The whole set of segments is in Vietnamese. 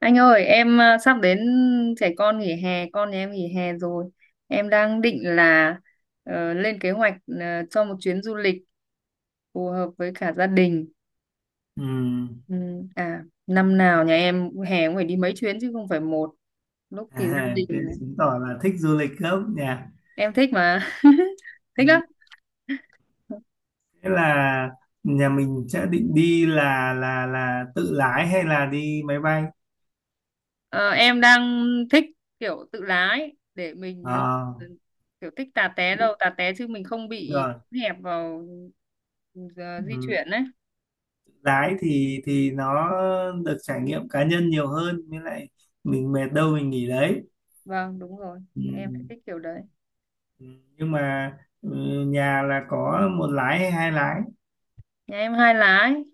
Anh ơi, em à, sắp đến trẻ con nghỉ hè, con nhà em nghỉ hè rồi. Em đang định là lên kế hoạch cho một chuyến du lịch phù hợp với cả gia đình. Ừ. Ừ, à, năm nào nhà em hè cũng phải đi mấy chuyến chứ không phải một. Lúc thì gia À, đình thế chứng tỏ là thích du lịch lắm nhỉ. em thích mà. Thích Ừ. lắm. Thế là nhà mình sẽ định đi là tự lái hay là đi máy bay? Ờ, em đang thích kiểu tự lái để mình, Ờ, ừ, kiểu thích tà té đâu, tà té chứ mình không bị rồi. hẹp vào, ừ, di Ừ. chuyển ấy. Lái thì nó được trải nghiệm cá nhân nhiều hơn, với lại mình mệt đâu mình nghỉ đấy. Vâng, đúng rồi. Ừ. Em lại thích kiểu đấy. Ừ. Nhưng mà ừ, nhà là có một lái hay hai lái? Nhà em hai lá ấy.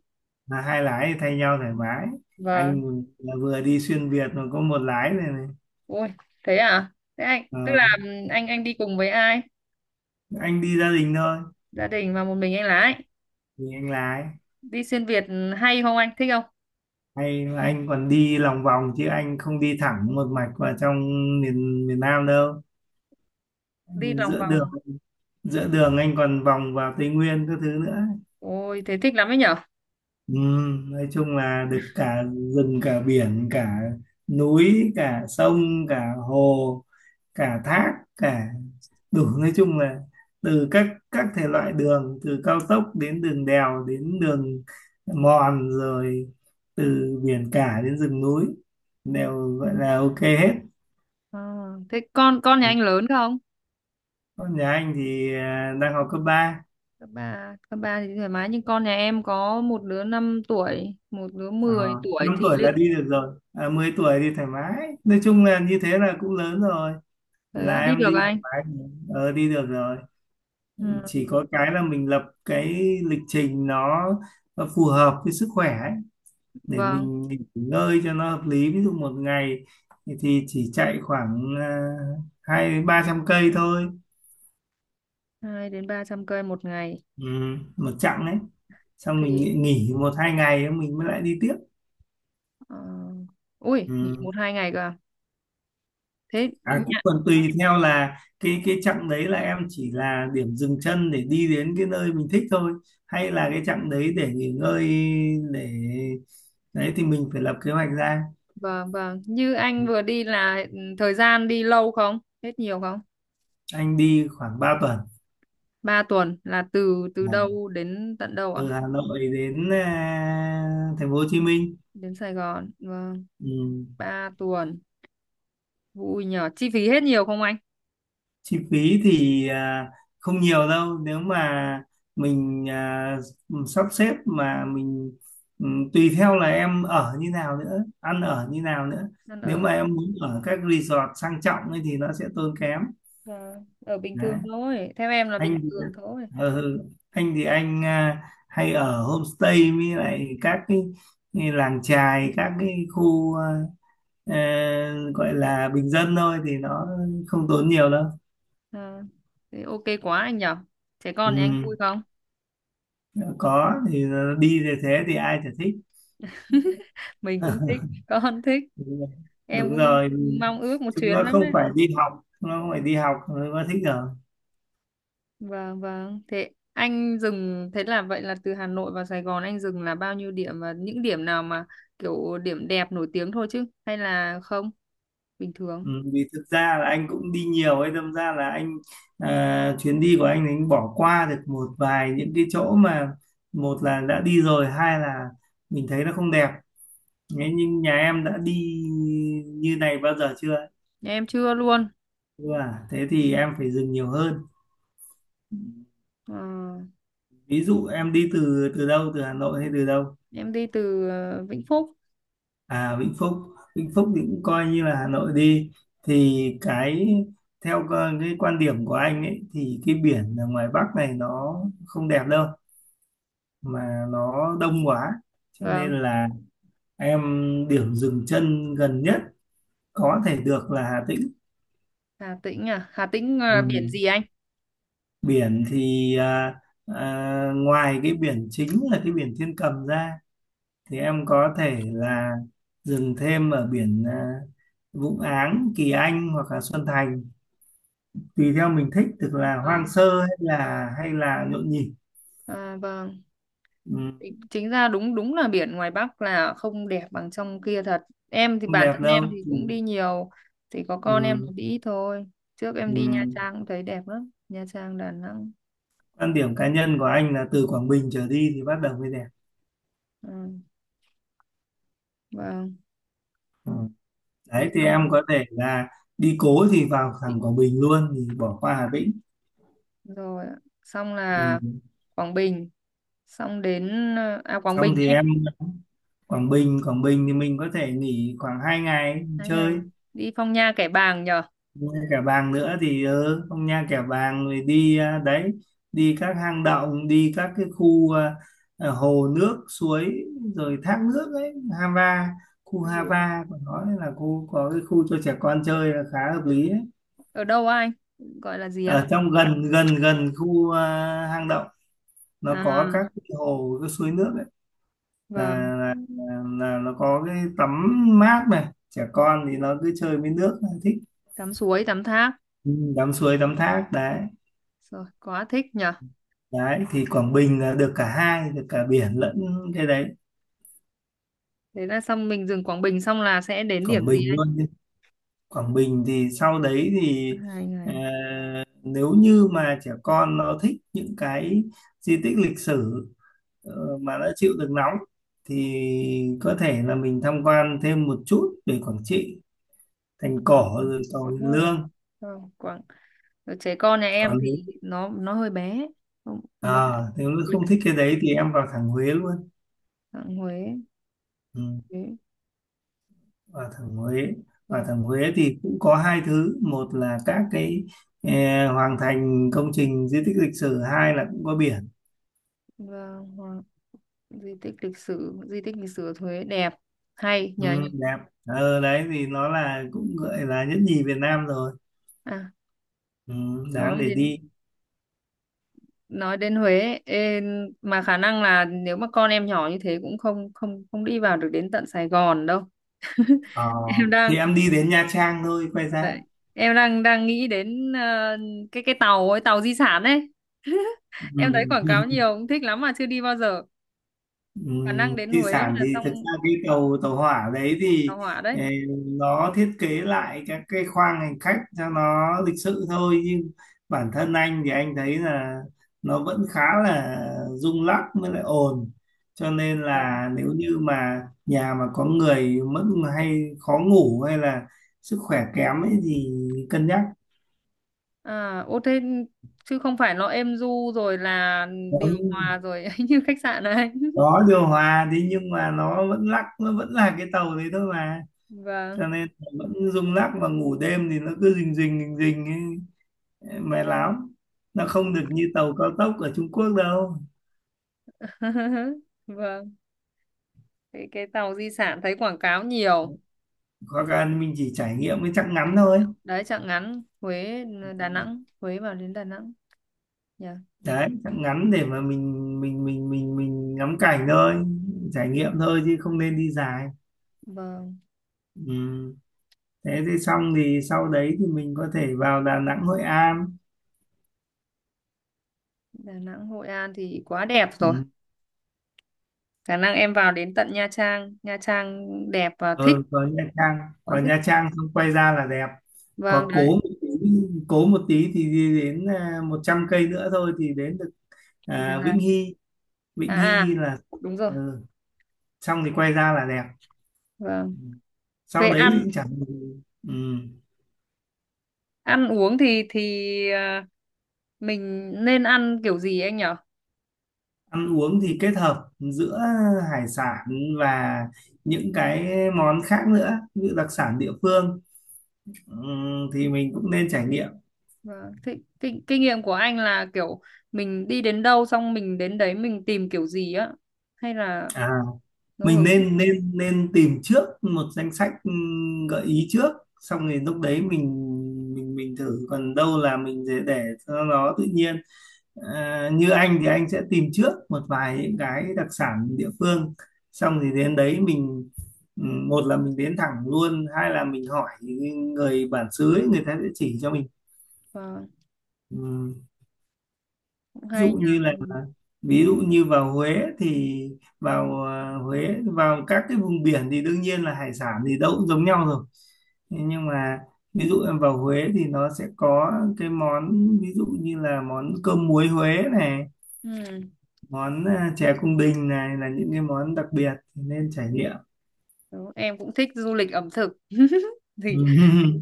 Là hai lái thì thay nhau thoải mái. Vâng. Anh là vừa đi xuyên Việt mà có một lái này này. Ui, thế à? Thế anh, tức là anh đi cùng với ai? Ờ, anh đi gia đình thôi. Gia đình và một mình anh lái. Thì anh lái Đi xuyên Việt hay không anh? Thích không? hay là anh còn đi lòng vòng chứ anh không đi thẳng một mạch vào trong miền miền Nam đâu. Đi lòng giữa đường vòng. giữa đường anh còn vòng vào Tây Nguyên các thứ nữa. Ôi, thế thích lắm ấy nhở? Ừ, nói chung là được cả rừng, cả biển, cả núi, cả sông, cả hồ, cả thác, cả đủ. Nói chung là từ các thể loại đường, từ cao tốc đến đường đèo đến đường mòn, rồi từ biển cả đến rừng núi, đều gọi là ok hết. Ờ, thế con nhà anh lớn không? Con nhà anh thì đang học cấp ba. Các bà thì thoải mái, nhưng con nhà em có một đứa 5 tuổi, một đứa À, 10 tuổi 5 thì tuổi là liệu đi được rồi. À, 10 tuổi thì thoải mái, nói chung là như thế là cũng lớn rồi. thế ạ, Là đi em được đi anh? thoải mái. Ờ, đi được rồi, Ừ, chỉ có cái là mình lập cái lịch trình nó phù hợp với sức khỏe ấy. Để vâng, mình nghỉ ngơi cho nó hợp lý, ví dụ một ngày thì chỉ chạy khoảng 200 đến 300 cây thôi. 200-300 cây một ngày Ừ, một chặng đấy, xong mình thì, nghỉ nghỉ một hai ngày mình mới lại đi tiếp. ờ, ui, nghỉ Ừ. 1-2 ngày cơ à? thế À, cũng nhà- còn tùy theo là cái chặng đấy là em chỉ là điểm dừng chân để đi đến cái nơi mình thích thôi, hay là cái chặng đấy để nghỉ ngơi, để đấy thì mình phải lập kế hoạch ra. vâng, vâng, như Ừ. anh vừa đi là, thời gian đi lâu không, hết nhiều không? Anh đi khoảng 3 tuần. 3 tuần là từ từ Ừ. đâu đến tận đâu ạ? Từ Hà Nội đến thành phố Hồ Chí Minh. Đến Sài Gòn, vâng. Ừ. 3 tuần, vui nhờ. Chi phí hết nhiều không anh? Chi phí thì không nhiều đâu, nếu mà mình sắp xếp mà mình, ừ, tùy theo là em ở như nào nữa, ăn ở như nào nữa. Ăn Nếu ở. mà em muốn ở các resort sang trọng ấy thì nó sẽ tốn kém. Ờ, ở bình Đấy. thường thôi, theo em là bình Anh thì, thường thôi. ờ, ừ, anh thì anh à, hay ở homestay, với lại cái làng chài, các cái khu ờ, gọi là bình dân thôi thì nó không tốn nhiều đâu. Ờ, thế ok quá anh nhở. Trẻ con thì anh Ừ. vui không? Có thì nó đi về, thế thì ai chả thích. Mình cũng thích, con thích. Đúng rồi. Em Đúng cũng rồi. mong ước một Chúng nó chuyến lắm. không phải đi học, chúng nó không phải đi học, nó thích rồi. Vâng, vâng. Thế anh dừng, thế là vậy là từ Hà Nội vào Sài Gòn anh dừng là bao nhiêu điểm, và những điểm nào mà kiểu điểm đẹp nổi tiếng thôi chứ, hay là không? Bình thường. Ừ. Vì thực ra là anh cũng đi nhiều ấy, đâm ra là chuyến đi của anh thì anh bỏ qua được một vài những cái chỗ mà, một là đã đi rồi, hai là mình thấy nó không đẹp. Thế nhưng nhà em đã đi như này bao giờ chưa? Nhà em chưa luôn. Ừ. Thế thì em phải dừng nhiều hơn. Ờ, Ví dụ em đi từ từ đâu, từ Hà Nội hay từ đâu? em đi từ Vĩnh Phúc. À, Vĩnh Phúc. Vĩnh Phúc thì cũng coi như là Hà Nội đi. Thì cái quan điểm của anh ấy thì cái biển ở ngoài Bắc này nó không đẹp đâu, mà nó đông quá. Cho nên Vâng. là em, điểm dừng chân gần nhất có thể được là Hà Tĩnh. Hà Tĩnh à? Hà Tĩnh, Ừ. biển gì anh? Biển thì ngoài cái biển chính là cái biển Thiên Cầm ra, thì em có thể là dừng thêm ở biển Vũng Áng, Kỳ Anh hoặc là Xuân Thành, tùy theo mình thích, tức là hoang Vâng. sơ hay là nhộn nhịp. À, vâng. Ừ, Chính ra đúng đúng là biển ngoài Bắc là không đẹp bằng trong kia thật. Em thì không bản thân đẹp đâu. em thì Ừ. cũng đi nhiều, thì có con em Ừ. là đi ít thôi. Trước em Ừ. đi Nha Trang cũng thấy đẹp lắm. Nha Trang, Đà Nẵng. Quan điểm cá nhân của anh là từ Quảng Bình trở đi thì bắt đầu mới đẹp. Ừ, vâng, Ừ. thế Đấy thì em xong có thể là đi cố thì vào thẳng Quảng Bình luôn thì bỏ qua Hà Tĩnh. rồi ạ. Xong Ừ. là Quảng Bình, xong đến Quảng Xong Bình thì anh. em, Quảng Bình, Quảng Bình thì mình có thể nghỉ khoảng 2 ngày Hai chơi. ngày đi Phong Nha Kẻ Bàng nhờ. Nha Kẻ Bàng nữa thì ừ, không, Nha Kẻ Bàng rồi đi, đấy, đi các hang động, đi các cái khu hồ nước suối rồi thác nước ấy. Hava, khu Ừ. Hava của nó là khu có cái khu cho trẻ con chơi là khá hợp lý ấy. Ở đâu á anh, gọi là gì á? Ở trong gần, gần gần khu hang động, nó À có các cái hồ cái suối nước ấy. Là, vâng, nó có cái tắm mát này, trẻ con thì nó cứ chơi với nước thích. tắm suối, tắm thác, Ừ, tắm suối tắm thác đấy. rồi quá thích nhờ. Đấy thì Quảng Bình là được cả hai, được cả biển lẫn cái đấy, Thế là xong mình dừng Quảng Bình, xong là sẽ đến điểm Quảng gì Bình anh? luôn. Quảng Bình thì sau đấy thì, hai ờ, ngày nếu như mà trẻ con nó thích những cái di tích lịch sử, ờ, mà nó chịu được nóng, thì có thể là mình tham quan thêm một chút về Quảng Trị, thành cổ rồi cầu đúng Hiền rồi. Lương. Vâng, Quảng, ở trẻ con nhà em Còn thì nếu, nó hơi bé. Không, mới lại nếu lịch. không thích cái đấy thì em vào thẳng Huế luôn. Huế, Ừ. Huế Quả thẩm Huế, quả và thẩm Huế thì cũng có hai thứ, một là các cái, hoàng thành, công trình di tích lịch sử, hai là cũng có biển. và di tích lịch sử, di tích lịch sử ở Huế đẹp hay Ừ, nhờ nhờ. đẹp. Ờ, đấy thì nó là cũng gọi là nhất nhì Việt Nam rồi. À, Ừ, đáng nói để đến, đi. nói đến Huế ấy, ê, mà khả năng là nếu mà con em nhỏ như thế cũng không, không, không đi vào được đến tận Sài Gòn đâu. Ờ, em đang thì em đi đến Nha Trang thôi quay ra. đấy, em đang đang nghĩ đến cái tàu ấy, tàu di sản ấy. Em thấy Ừ. quảng cáo nhiều cũng thích lắm mà chưa đi bao giờ. Khả năng đến Di Huế sản là thì xong. thực ra cái tàu tàu hỏa đấy Tàu thì, hỏa đấy. ờ, nó thiết kế lại các cái khoang hành khách cho nó lịch sự thôi, nhưng bản thân anh thì anh thấy là nó vẫn khá là rung lắc, mới lại ồn. Cho nên Ồ. là nếu như mà nhà mà có người mất, hay khó ngủ hay là sức khỏe kém ấy thì cân nhắc. à ô thế chứ không phải nó êm du rồi là điều Ừ, hòa rồi như khách sạn này. có điều hòa, thế nhưng mà nó vẫn lắc, nó vẫn là cái tàu đấy thôi mà, Vâng. cho nên là vẫn rung lắc, mà ngủ đêm thì nó cứ rình rình rình rình ấy, mệt lắm. Nó không được như tàu cao tốc ở Trung Quốc đâu. Vâng, cái tàu di sản thấy quảng cáo nhiều. Hoặc là mình chỉ trải nghiệm cái chặng ngắn Anh đi ạ. thôi. Đấy, chặng ngắn Huế, Đà Nẵng. Huế vào đến Đà Nẵng nhỉ. Đấy, chặng ngắn để mà mình ngắm cảnh thôi, trải nghiệm thôi chứ không nên đi dài. Vâng. Ừ. Thế thì xong thì sau đấy thì mình có thể vào Đà Nẵng Hội An. Đà Nẵng, Hội An thì quá đẹp rồi. Ừ. Khả năng em vào đến tận Nha Trang, Nha Trang đẹp và thích. Ừ, vào Nha Trang. Quá Vào thích. Nha Trang xong quay ra là đẹp. Vâng, Có đấy. cố một tí, cố một tí thì đi đến 100 cây nữa thôi thì đến được Đà Lạt, Vĩnh Hy. Vĩnh à, Hy à là, đúng rồi. ừ, xong thì quay ra là đẹp. Vâng. Ừ. Về Sau đấy ăn thì chẳng, ừ, ăn uống thì mình nên ăn kiểu gì anh nhỉ? ăn uống thì kết hợp giữa hải sản và những cái món khác nữa, như đặc sản địa phương. Ừ, thì mình cũng nên trải nghiệm. Vâng. Thế, kinh nghiệm của anh là kiểu mình đi đến đâu, xong mình đến đấy mình tìm kiểu gì á, hay là À, ngẫu mình hứng? nên nên nên tìm trước một danh sách, gợi ý trước, xong rồi lúc đấy mình, thử, còn đâu là mình để cho nó tự nhiên. À, như anh thì anh sẽ tìm trước một vài những cái đặc sản địa phương, xong thì đến đấy mình, một là mình đến thẳng luôn, hai là mình hỏi người bản xứ ấy, người ta sẽ chỉ cho mình. Vâng, Ừ. cũng Dụ hay nhỉ. như là, Ừ. ví dụ như vào Huế thì vào Huế, vào các cái vùng biển thì đương nhiên là hải sản thì đâu cũng giống nhau rồi. Thế nhưng mà, ví dụ em vào Huế thì nó sẽ có cái món, ví dụ như là món cơm muối Huế này, Ừ. món chè cung đình này, là những cái món đặc biệt nên trải nghiệm. Đúng, em cũng thích du lịch ẩm thực thì Ừ.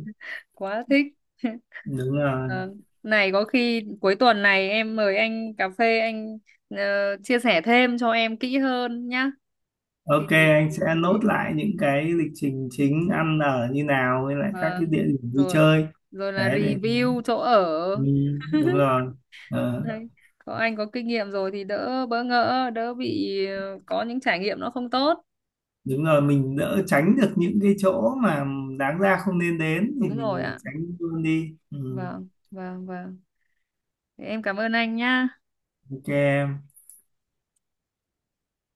quá thích. Đúng rồi. Vâng. Này có khi cuối tuần này em mời anh cà phê anh, chia sẻ thêm cho em kỹ hơn nhá. thì Ok, thì- anh sẽ nốt lại những cái lịch trình chính, ăn ở như nào, với lại các cái vâng, địa điểm vui rồi, chơi. rồi là Đấy thì, review chỗ ừ, ở. đúng rồi. Ờ, Đấy. Có anh có kinh nghiệm rồi thì đỡ bỡ ngỡ, đỡ bị, có những trải nghiệm nó không tốt. đúng rồi, mình đỡ tránh được những cái chỗ mà đáng ra không nên đến thì Đúng rồi mình ạ. tránh luôn đi. Ừ, Vâng, vâng, vâng. Thế em cảm ơn anh nhá. ok em.